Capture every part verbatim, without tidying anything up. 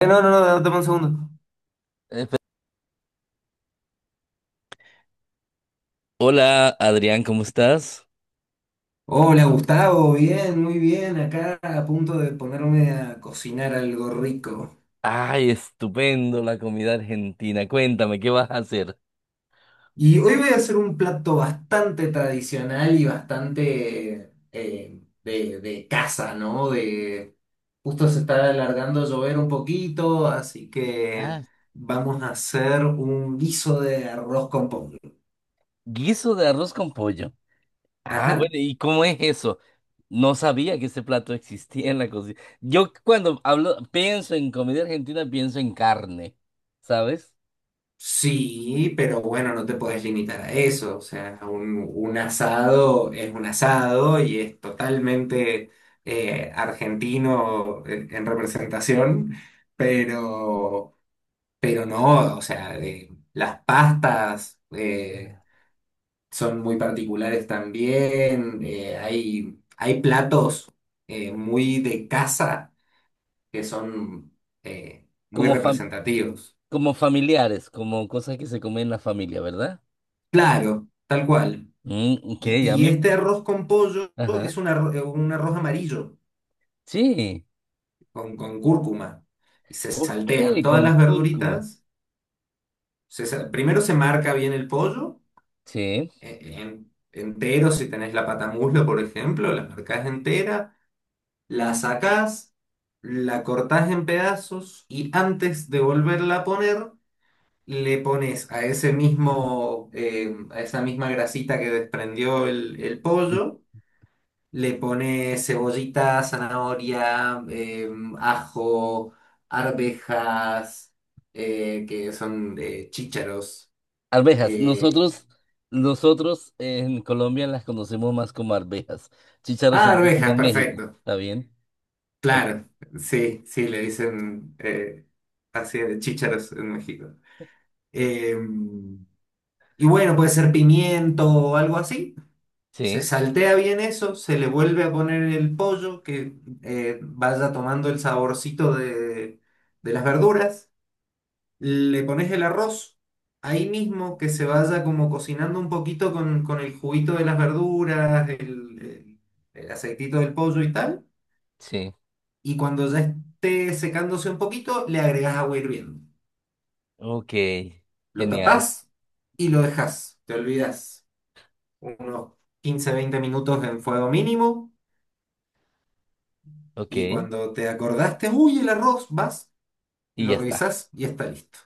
Eh, No, no, no, no, dame un segundo. Eh, pe- Hola Adrián, ¿cómo estás? Hola Gustavo, bien, muy bien, acá a punto de ponerme a cocinar algo rico. Ay, estupendo la comida argentina. Cuéntame, ¿qué vas a hacer? Y hoy voy a hacer un plato bastante tradicional y bastante eh, de, de casa, ¿no? De, justo se está alargando a llover un poquito, así que Ah, vamos a hacer un guiso de arroz con pollo. guiso de arroz con pollo. Ah, Ajá. bueno, ¿y cómo es eso? No sabía que ese plato existía en la cocina. Yo cuando hablo, pienso en comida argentina, pienso en carne, ¿sabes? Sí, pero bueno, no te puedes limitar a eso. O sea, un, un asado es un asado y es totalmente eh, argentino en, en representación, pero, pero no, o sea, de- las pastas eh, son muy particulares también. eh, hay, hay platos eh, muy de casa que son eh, muy Como fam- representativos. Como familiares, como cosas que se comen en la familia, ¿verdad? Claro, tal cual. Mm, ok, Y, a y mí, este arroz con pollo ajá, es un arroz, un arroz amarillo sí, con, con cúrcuma. Y se ok, saltean todas con las cúrcuma, verduritas. Se sa- primero se marca bien el pollo, sí. e- en- entero, si tenés la patamuslo, por ejemplo, la marcás entera, la sacás, la cortás en pedazos y antes de volverla a poner, le pones a ese mismo, eh, a esa misma grasita que desprendió el el pollo. Le pone cebollita, zanahoria, eh, ajo, arvejas, eh, que son eh, chícharos. Arvejas, eh, nosotros, nosotros en Colombia las conocemos más como arvejas. Chícharos ah, sería como arvejas, en México, perfecto. ¿está bien? Ok. Claro, sí, sí, le dicen eh, así de chícharos en México. Eh, y bueno, puede ser pimiento o algo así. Se Sí, saltea bien eso, se le vuelve a poner el pollo que eh, vaya tomando el saborcito de de las verduras. Le pones el arroz ahí mismo, que se vaya como cocinando un poquito con, con el juguito de las verduras, el, el- el aceitito del pollo y tal. sí. Y cuando ya esté secándose un poquito, le agregas agua hirviendo. Ok, Lo genial. tapás y lo dejas, te olvidas unos quince veinte minutos en fuego mínimo. Ok, Y y cuando te acordaste, uy, el arroz, vas, lo ya está. revisás y está listo.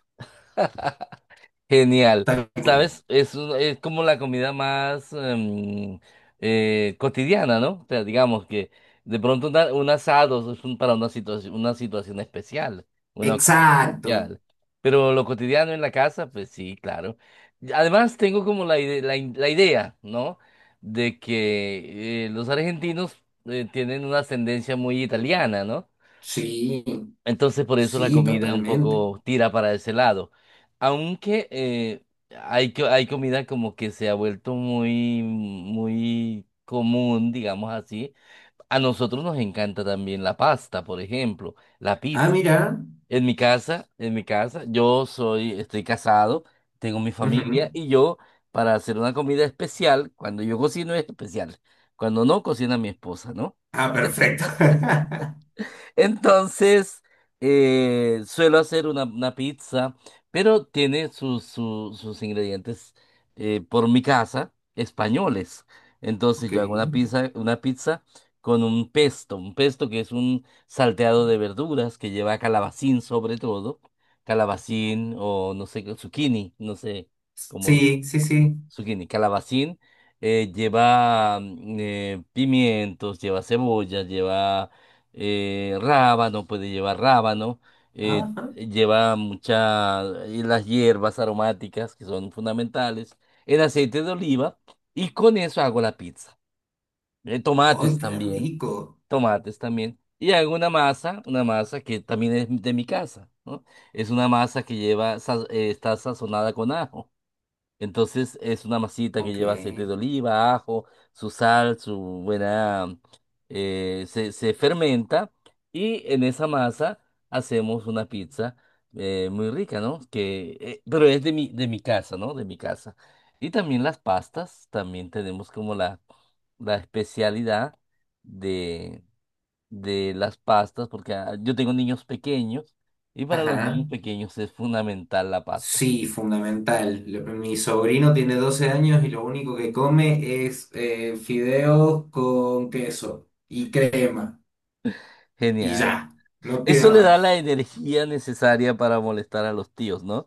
Genial. Tal cual. ¿Sabes? Es, un- es como la comida más em, eh, cotidiana, ¿no? O sea, digamos que de pronto una- un asado es un- para una situación, una situación especial, una ocasión Exacto. especial. Pero lo cotidiano en la casa, pues sí, claro. Y además, tengo como la, ide- la, in- la idea, ¿no? De que eh, los argentinos eh, tienen una ascendencia muy italiana, ¿no? Sí, Entonces por eso la sí, comida un totalmente. poco tira para ese lado. Aunque eh, hay, co- hay comida como que se ha vuelto muy, muy común, digamos así. A nosotros nos encanta también la pasta, por ejemplo, la Ah, pizza. mira. En mi casa, en mi casa, yo soy, estoy casado, tengo mi familia Ujú. y yo para hacer una comida especial, cuando yo cocino es especial, cuando no cocina mi esposa, ¿no? Ah, perfecto. Entonces, eh, suelo hacer una, una pizza, pero tiene sus, su- sus ingredientes eh, por mi casa, españoles. Entonces, Ok. yo hago una pizza, una pizza con un pesto, un pesto que es un salteado de verduras que lleva calabacín sobre todo, calabacín o no sé, zucchini, no sé cómo lo Sí, sí, sí. zucchini, calabacín, eh, lleva mm, eh, pimientos, lleva cebolla, lleva eh, rábano, puede llevar rábano, eh, Ajá. lleva muchas, las hierbas aromáticas que son fundamentales, el aceite de oliva y con eso hago la pizza. Eh, ¡Ay, Tomates qué también, rico! tomates también. Y hago una masa, una masa que también es de mi casa, ¿no? Es una masa que lleva, sa- eh, está sazonada con ajo. Entonces es una masita que Ok. lleva aceite de oliva, ajo, su sal, su buena. Eh, se, se fermenta y en esa masa hacemos una pizza eh, muy rica, ¿no? Que, eh, pero es de mi, de mi casa, ¿no? De mi casa. Y también las pastas, también tenemos como la, la especialidad de, de las pastas, porque ah, yo tengo niños pequeños y para los Ajá. niños pequeños es fundamental la pasta. Sí, fundamental. Lo- Mi sobrino tiene doce años y lo único que come es eh, fideos con queso y crema. Y Genial. ya, no Eso pida le da la más. energía necesaria para molestar a los tíos, ¿no?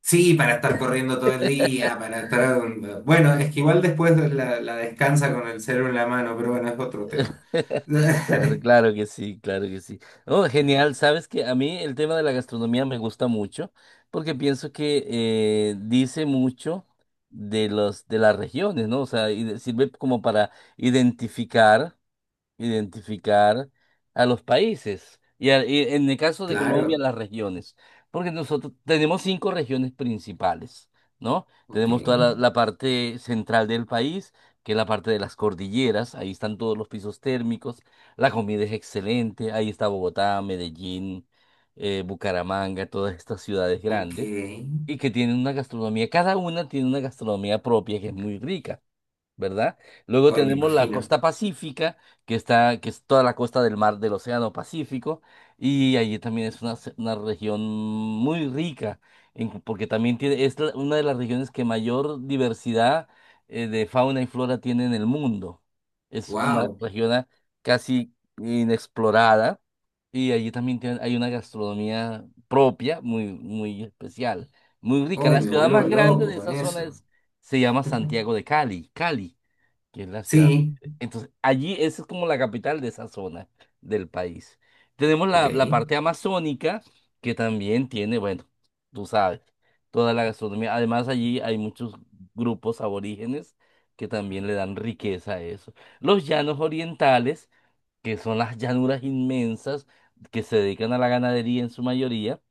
Sí, para estar corriendo todo el día, para estar... Bueno, es que igual después la, la descansa con el cero en la mano, pero bueno, es otro tema. Claro, claro que sí, claro que sí. Oh, genial, sabes que a mí el tema de la gastronomía me gusta mucho porque pienso que eh, dice mucho de los de las regiones, ¿no? O sea, y de- sirve como para identificar. identificar a los países y, a- y en el caso de Colombia Claro, las regiones, porque nosotros tenemos cinco regiones principales, ¿no? ok, Tenemos toda la, la parte central del país, que es la parte de las cordilleras, ahí están todos los pisos térmicos, la comida es excelente, ahí está Bogotá, Medellín, eh, Bucaramanga, todas estas ciudades ok. grandes. Y que tienen una gastronomía, cada una tiene una gastronomía propia que es muy rica. ¿Verdad? Luego Hoy me tenemos la imagino. costa pacífica, que está, que es toda la costa del mar del Océano Pacífico, y allí también es una, se- una región muy rica, en- porque también tiene, es la- una de las regiones que mayor diversidad eh, de fauna y flora tiene en el mundo. Es una Wow, región a- casi inexplorada, y allí también tiene- hay una gastronomía propia, muy, muy especial, muy rica. hoy La me ciudad vuelvo más grande loco de con esa zona eso. es, se llama Santiago de Cali, Cali que es la ciudad. Sí, Entonces, allí esa es como la capital de esa zona del país. Tenemos ok. la, la parte amazónica, que también tiene, bueno, tú sabes, toda la gastronomía. Además, allí hay muchos grupos aborígenes que también le dan riqueza a eso. Los llanos orientales, que son las llanuras inmensas que se dedican a la ganadería en su mayoría.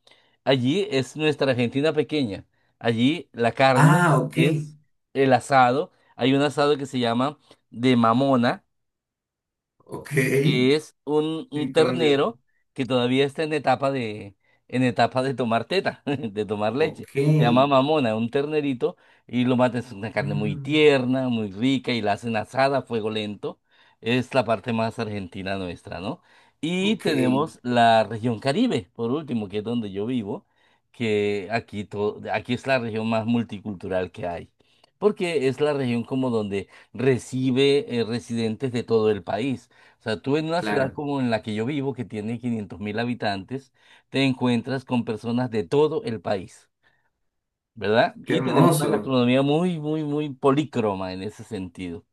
Allí es nuestra Argentina pequeña. Allí la carne Ah, ok, es el asado. Hay un asado que se llama de mamona, ok. que es un, un Sí, con dedo. ternero que todavía está en etapa de, en etapa de tomar teta, de tomar leche. Ok, Se llama mamona, un ternerito, y lo matan. Es una carne muy mm, tierna, muy rica, y la hacen asada a fuego lento. Es la parte más argentina nuestra, ¿no? Y ok, tenemos la región Caribe, por último, que es donde yo vivo, que aquí, to- aquí es la región más multicultural que hay, porque es la región como donde recibe eh, residentes de todo el país. O sea, tú en una ciudad claro. como en la que yo vivo, que tiene quinientos mil habitantes, te encuentras con personas de todo el país, ¿verdad? Qué Y tenemos una hermoso. gastronomía muy, muy, muy polícroma en ese sentido.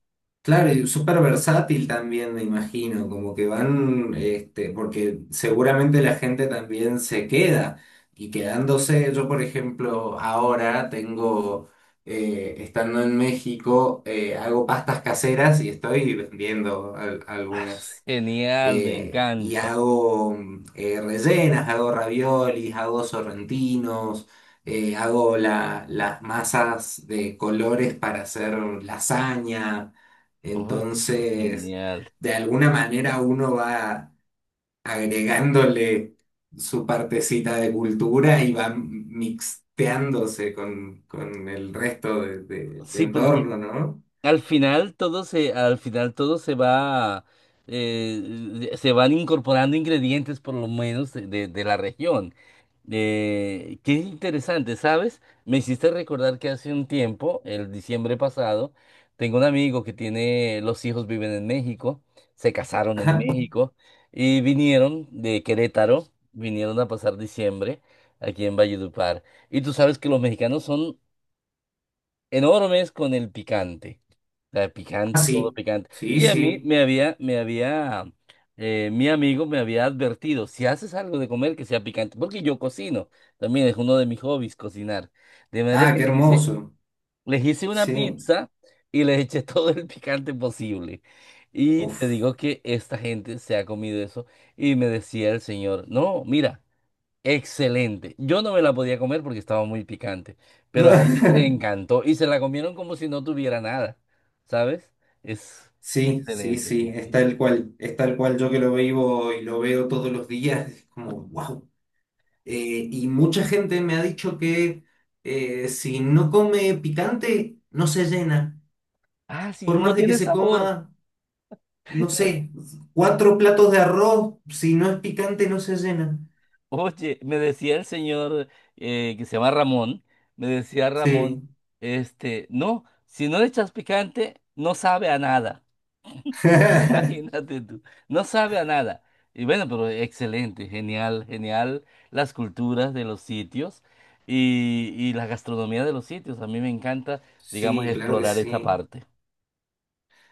Claro, Es- y súper versátil también, me imagino, como que van, este, porque seguramente la gente también se queda y quedándose, yo por ejemplo ahora tengo, eh, estando en México, eh, hago pastas caseras y estoy vendiendo al- ah, algunas genial, me eh, y encanta. hago mm, eh, rellenas, hago raviolis, hago sorrentinos, eh, hago la- las masas de colores para hacer lasaña. Oye, Entonces, genial. de alguna manera uno va agregándole su partecita de cultura y va mixteándose con, con el resto de- de- del Sí, porque entorno, ¿no? Al final todo se, al final todo se va, eh, eh, se van incorporando ingredientes por lo menos de, de- de la región. Eh, qué interesante, ¿sabes? Me hiciste recordar que hace un tiempo, el diciembre pasado, tengo un amigo que tiene, los hijos viven en México, se casaron en Ajá. México y vinieron de Querétaro, vinieron a pasar diciembre aquí en Valledupar. Y tú sabes que los mexicanos son enormes con el picante. La de Ah, picante, todo sí, picante. sí, Y a mí sí. me había, me había, eh, mi amigo me había advertido, si haces algo de comer que sea picante, porque yo cocino, también es uno de mis hobbies cocinar. De manera Ah, que qué les hice, hermoso. les hice una Sí. pizza y les eché todo el picante posible. Y te Uf. digo que esta gente se ha comido eso y me decía el señor, no, mira. Excelente. Yo no me la podía comer porque estaba muy picante, pero a ellos les encantó y se la comieron como si no tuviera nada, ¿sabes? Es Sí, sí, excelente, sí, sí, es sí. tal cual, es tal cual yo que lo vivo y lo veo todos los días, es como, wow. Y mucha gente me ha dicho que eh, si no come picante, no se llena. Ah, sí, Por no más de que tiene se sabor. coma, no sé, cuatro platos de arroz, si no es picante, no se llena. Oye, me decía el señor eh, que se llama Ramón, me decía Ramón, Sí. este, no, si no le echas picante, no sabe a nada. Imagínate tú, no sabe a nada. Y bueno, pero excelente, genial, genial las culturas de los sitios y, y la gastronomía de los sitios. A mí me encanta, digamos, Sí, claro que explorar esa sí. parte.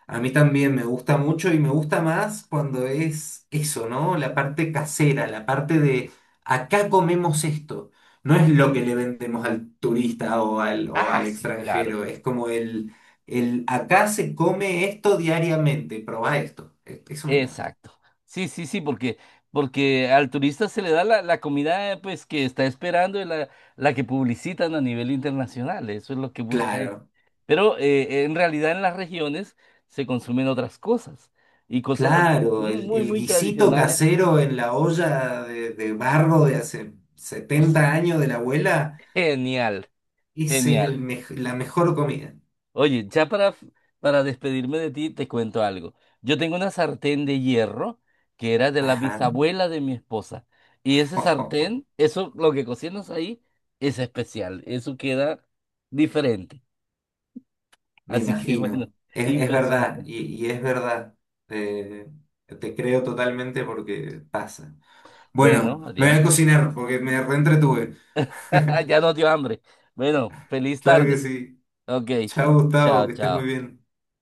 A mí también me gusta mucho y me gusta más cuando es eso, ¿no? La parte casera, la parte de acá comemos esto. No es lo que le vendemos al turista o al, o Ah, al sí, claro. extranjero, es como el, el acá se come esto diariamente, probá esto. E- Eso me encanta. Exacto. Sí, sí, sí, porque, porque al turista se le da la, la comida eh, pues que está esperando y la, la que publicitan a nivel internacional. Eso es lo que busca Claro, él. Pero eh, en realidad en las regiones se consumen otras cosas y cosas a veces claro, muy, el, muy, el muy guisito tradicionales. casero en la olla de, de barro de hace Pues, setenta años de la abuela, genial, ese es el genial. mej- la mejor comida. Oye, ya para, para despedirme de ti, te cuento algo. Yo tengo una sartén de hierro que era de la Ajá. bisabuela de mi esposa. Y ese sartén, eso, lo que cocinas ahí, es especial. Eso queda diferente. Me Así que bueno, imagino, es, es verdad, impresionante. y, y es verdad. Eh, Te creo totalmente porque pasa. Bueno, Bueno, me voy a Adrián, cocinar porque me reentretuve. ya no dio hambre. Bueno, feliz Claro tarde. que sí. Ok, Chao, Gustavo, chao, que estés muy chao. bien.